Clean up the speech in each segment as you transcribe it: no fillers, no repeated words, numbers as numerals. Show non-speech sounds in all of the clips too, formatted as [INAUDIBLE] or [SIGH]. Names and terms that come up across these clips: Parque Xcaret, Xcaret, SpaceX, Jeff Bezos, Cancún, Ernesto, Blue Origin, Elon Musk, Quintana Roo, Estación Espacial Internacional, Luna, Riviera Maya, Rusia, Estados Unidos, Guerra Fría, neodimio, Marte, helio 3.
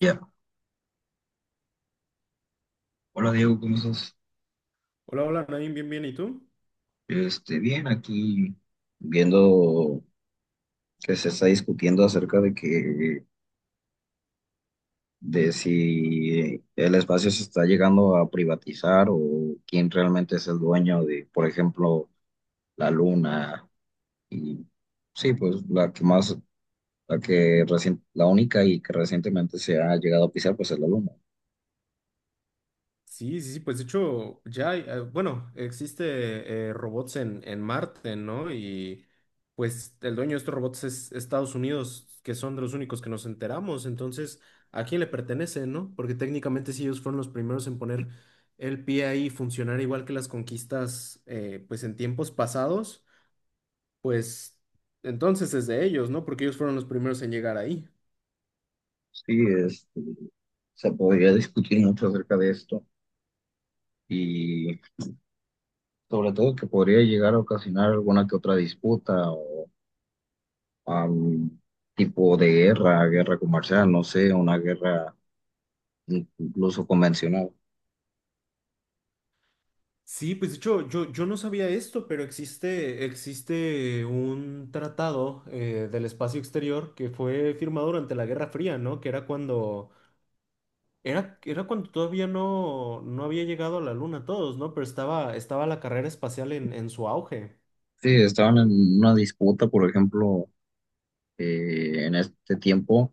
Ya, hola Diego, ¿cómo estás? Hola, hola, Nain, bien, bien, ¿y tú? Bien, aquí viendo que se está discutiendo acerca de que de si el espacio se está llegando a privatizar o quién realmente es el dueño de, por ejemplo, la luna. Y sí, pues la que la única y que recientemente se ha llegado a pisar, pues es la luna. Sí, sí, sí, pues de hecho ya, hay, bueno, existe robots en Marte, ¿no? Y pues el dueño de estos robots es Estados Unidos, que son de los únicos que nos enteramos. Entonces, ¿a quién le pertenece, no? Porque técnicamente si ellos fueron los primeros en poner el pie ahí y funcionar igual que las conquistas, pues en tiempos pasados, pues entonces es de ellos, ¿no? Porque ellos fueron los primeros en llegar ahí. Sí, se podría discutir mucho acerca de esto, y sobre todo que podría llegar a ocasionar alguna que otra disputa o am, tipo de guerra, guerra comercial, no sé, una guerra incluso convencional. Sí, pues de hecho, yo no sabía esto, pero existe un tratado del espacio exterior que fue firmado durante la Guerra Fría, ¿no? Era cuando todavía no había llegado a la Luna todos, ¿no? Pero estaba la carrera espacial en su auge. Sí, estaban en una disputa. Por ejemplo, en este tiempo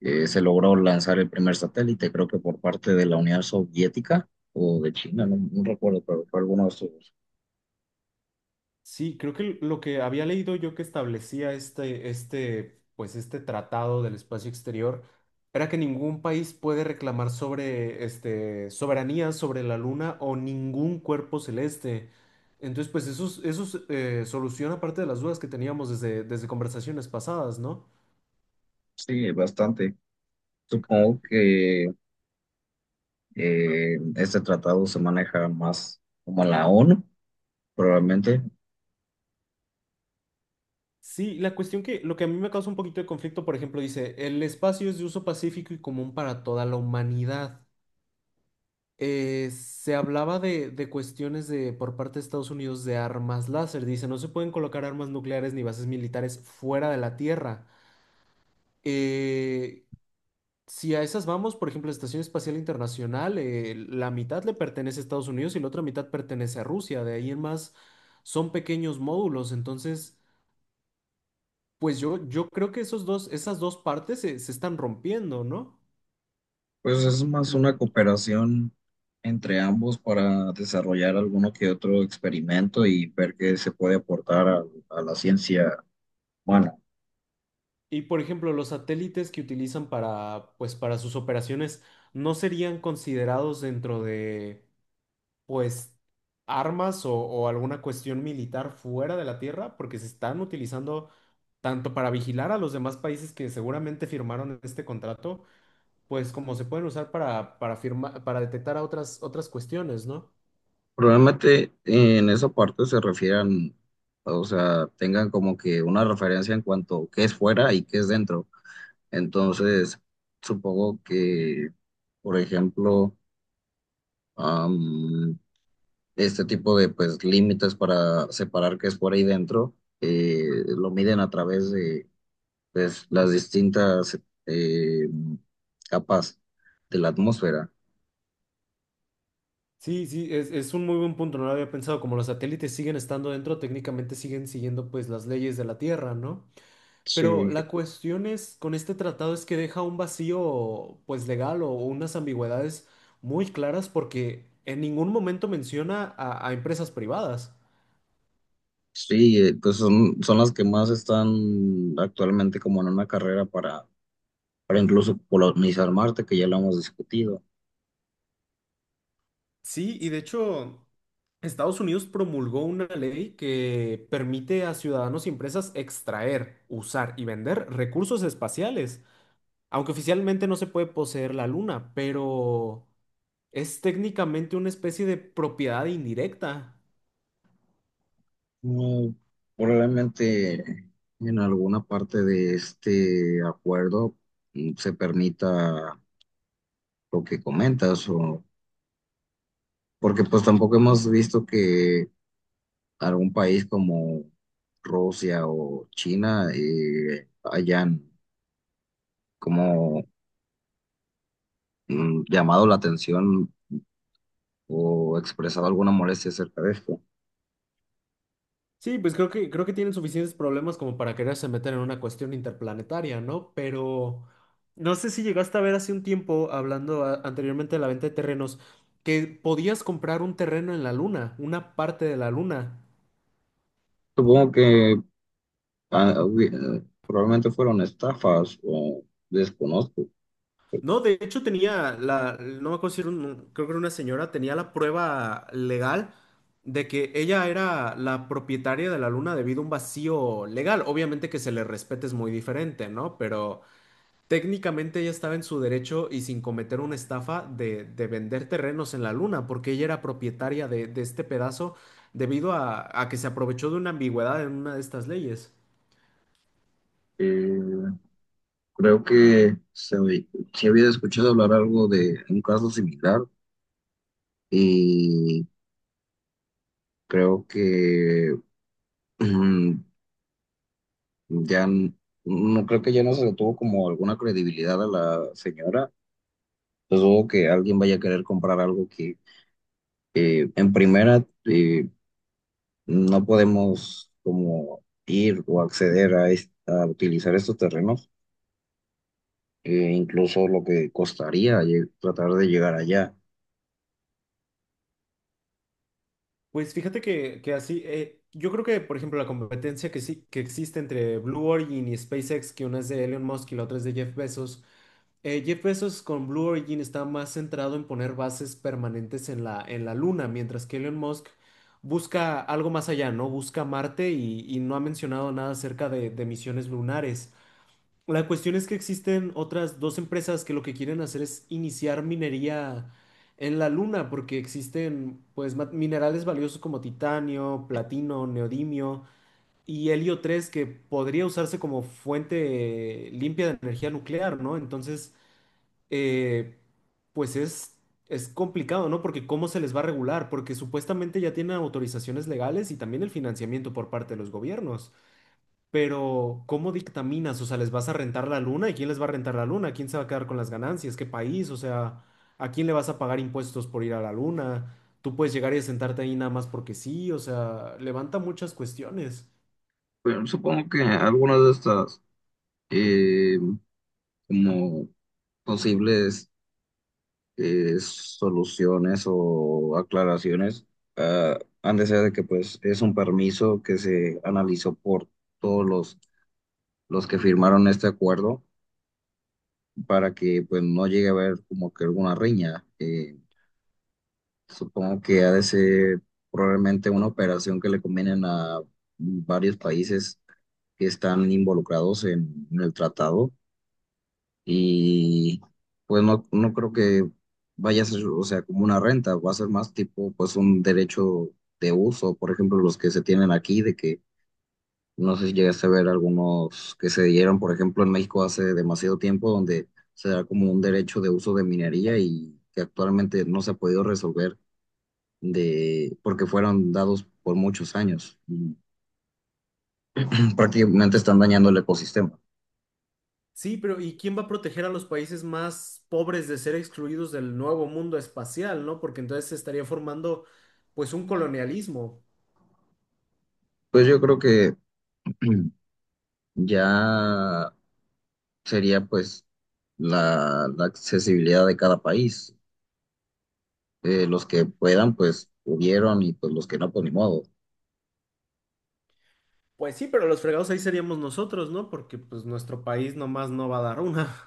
se logró lanzar el primer satélite, creo que por parte de la Unión Soviética o de China, no, no recuerdo, pero fue alguno de esos. Sí, creo que lo que había leído yo que establecía pues este tratado del espacio exterior era que ningún país puede reclamar sobre, este, soberanía sobre la luna o ningún cuerpo celeste. Entonces, pues eso, eso es, soluciona parte de las dudas que teníamos desde conversaciones pasadas, ¿no? Sí, bastante. Supongo que este tratado se maneja más como la ONU, probablemente. Sí, la cuestión que lo que a mí me causa un poquito de conflicto, por ejemplo, dice, el espacio es de uso pacífico y común para toda la humanidad. Eh, se hablaba de cuestiones de, por parte de Estados Unidos, de armas láser. Dice, no se pueden colocar armas nucleares ni bases militares fuera de la Tierra. Eh, si a esas vamos, por ejemplo, la Estación Espacial Internacional, la mitad le pertenece a Estados Unidos y la otra mitad pertenece a Rusia. De ahí en más son pequeños módulos. Entonces, pues yo creo que esas dos partes se están rompiendo, ¿no? Pues es más una cooperación entre ambos para desarrollar alguno que otro experimento y ver qué se puede aportar a la ciencia humana. Y por ejemplo, los satélites que utilizan para, pues, para sus operaciones no serían considerados dentro de, pues, armas o alguna cuestión militar fuera de la Tierra, porque se están utilizando tanto para vigilar a los demás países que seguramente firmaron este contrato, pues como se pueden usar para, para detectar a otras, otras cuestiones, ¿no? Probablemente en esa parte se refieran, o sea, tengan como que una referencia en cuanto a qué es fuera y qué es dentro. Entonces, supongo que, por ejemplo, am, este tipo de pues límites para separar qué es fuera y dentro, lo miden a través de pues las distintas eh, capas de la atmósfera. Sí, sí, es un muy buen punto, no lo había pensado. Como los satélites siguen estando dentro, técnicamente siguen siguiendo pues las leyes de la Tierra, ¿no? Sí. Pero la cuestión es, con este tratado, es que deja un vacío, pues legal, o unas ambigüedades muy claras, porque en ningún momento menciona a empresas privadas. Sí, pues son, son las que más están actualmente como en una carrera para incluso colonizar Marte, que ya lo hemos discutido. Sí, y de hecho, Estados Unidos promulgó una ley que permite a ciudadanos y empresas extraer, usar y vender recursos espaciales, aunque oficialmente no se puede poseer la luna, pero es técnicamente una especie de propiedad indirecta. No, probablemente en alguna parte de este acuerdo se permita lo que comentas, o, porque pues tampoco hemos visto que algún país como Rusia o China hayan como llamado la atención o expresado alguna molestia acerca de esto. Sí, pues creo que tienen suficientes problemas como para quererse meter en una cuestión interplanetaria, ¿no? Pero no sé si llegaste a ver hace un tiempo, hablando anteriormente de la venta de terrenos, que podías comprar un terreno en la luna, una parte de la luna. Supongo que probablemente fueron estafas o desconozco. No, de hecho tenía la, no me acuerdo si era creo que era una señora, tenía la prueba legal de que ella era la propietaria de la luna debido a un vacío legal. Obviamente que se le respete es muy diferente, ¿no? Pero técnicamente ella estaba en su derecho y sin cometer una estafa de vender terrenos en la luna, porque ella era propietaria de este pedazo debido a que se aprovechó de una ambigüedad en una de estas leyes. Eh, creo que sí había escuchado hablar algo de un caso similar, y creo que [CLEARS THROAT] Ya n- no creo que ya no se le tuvo como alguna credibilidad a la señora. Entonces dudo que alguien vaya a querer comprar algo que en primera no podemos como ir o acceder a utilizar estos terrenos, incluso lo que costaría tratar de llegar allá. Pues fíjate que así, yo creo que, por ejemplo, la competencia que sí que existe entre Blue Origin y SpaceX, que una es de Elon Musk y la otra es de Jeff Bezos. Jeff Bezos con Blue Origin está más centrado en poner bases permanentes en la Luna, mientras que Elon Musk busca algo más allá, ¿no? Busca Marte y no ha mencionado nada acerca de misiones lunares. La cuestión es que existen otras dos empresas que lo que quieren hacer es iniciar minería en la Luna, porque existen pues minerales valiosos como titanio, platino, neodimio y helio 3, que podría usarse como fuente limpia de energía nuclear, ¿no? Entonces eh, pues es complicado, ¿no? Porque ¿cómo se les va a regular? Porque supuestamente ya tienen autorizaciones legales y también el financiamiento por parte de los gobiernos. Pero ¿cómo dictaminas? O sea, ¿les vas a rentar la luna? ¿Y quién les va a rentar la luna? ¿Quién se va a quedar con las ganancias? ¿Qué país? O sea, ¿a quién le vas a pagar impuestos por ir a la luna? Tú puedes llegar y sentarte ahí nada más porque sí, o sea, levanta muchas cuestiones. Pero supongo que algunas de estas eh, como posibles soluciones o aclaraciones, han de ser de que pues es un permiso que se analizó por todos los, los que firmaron este acuerdo para que pues no llegue a haber como que alguna riña. Supongo que ha de ser probablemente una operación que le convienen a varios países que están involucrados en el tratado. Y pues no, no creo que vaya a ser, o sea, como una renta, va a ser más tipo pues un derecho de uso. Por ejemplo, los que se tienen aquí, de que no sé si llegaste a ver algunos que se dieron, por ejemplo, en México hace demasiado tiempo, donde se da como un derecho de uso de minería y que actualmente no se ha podido resolver de, porque fueron dados por muchos años. Y prácticamente están dañando el ecosistema. Sí, pero ¿y quién va a proteger a los países más pobres de ser excluidos del nuevo mundo espacial, no? Porque entonces se estaría formando pues un colonialismo. Pues yo creo que [CLEARS THROAT] ya sería pues la accesibilidad de cada país. Los que puedan, pues pudieron, y pues los que no, pues ni modo. Pues sí, pero los fregados ahí seríamos nosotros, ¿no? Porque pues nuestro país nomás no va a dar una.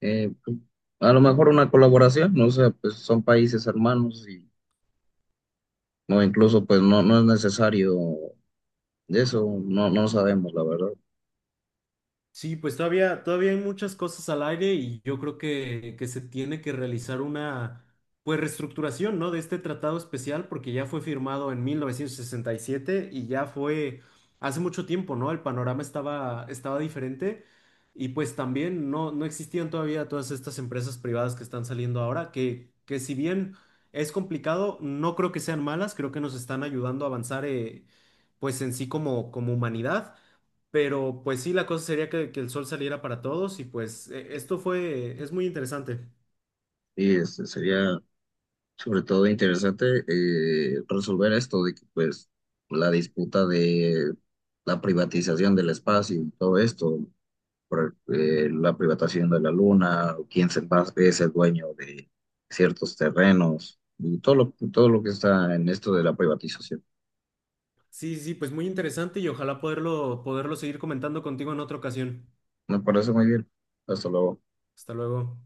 Pues, a lo mejor una colaboración, ¿no? O sea, pues son países hermanos, y no, incluso pues no, no es necesario de eso, no, no sabemos la verdad. Sí, pues todavía, todavía hay muchas cosas al aire y yo creo que se tiene que realizar una pues reestructuración, ¿no?, de este tratado especial porque ya fue firmado en 1967 y siete y ya fue hace mucho tiempo, ¿no? El panorama estaba, estaba diferente y pues también no existían todavía todas estas empresas privadas que están saliendo ahora, que si bien es complicado, no creo que sean malas, creo que nos están ayudando a avanzar pues en sí como, como humanidad. Pero pues sí, la cosa sería que el sol saliera para todos y pues esto es muy interesante. Y este, sería sobre todo interesante resolver esto de que pues la disputa de la privatización del espacio y todo esto. Por la privatización de la luna, o quién es el dueño de ciertos terrenos, y todo lo que está en esto de la privatización. Sí, sí, pues muy interesante y ojalá poderlo, poderlo seguir comentando contigo en otra ocasión. Me parece muy bien. Hasta luego. Hasta luego.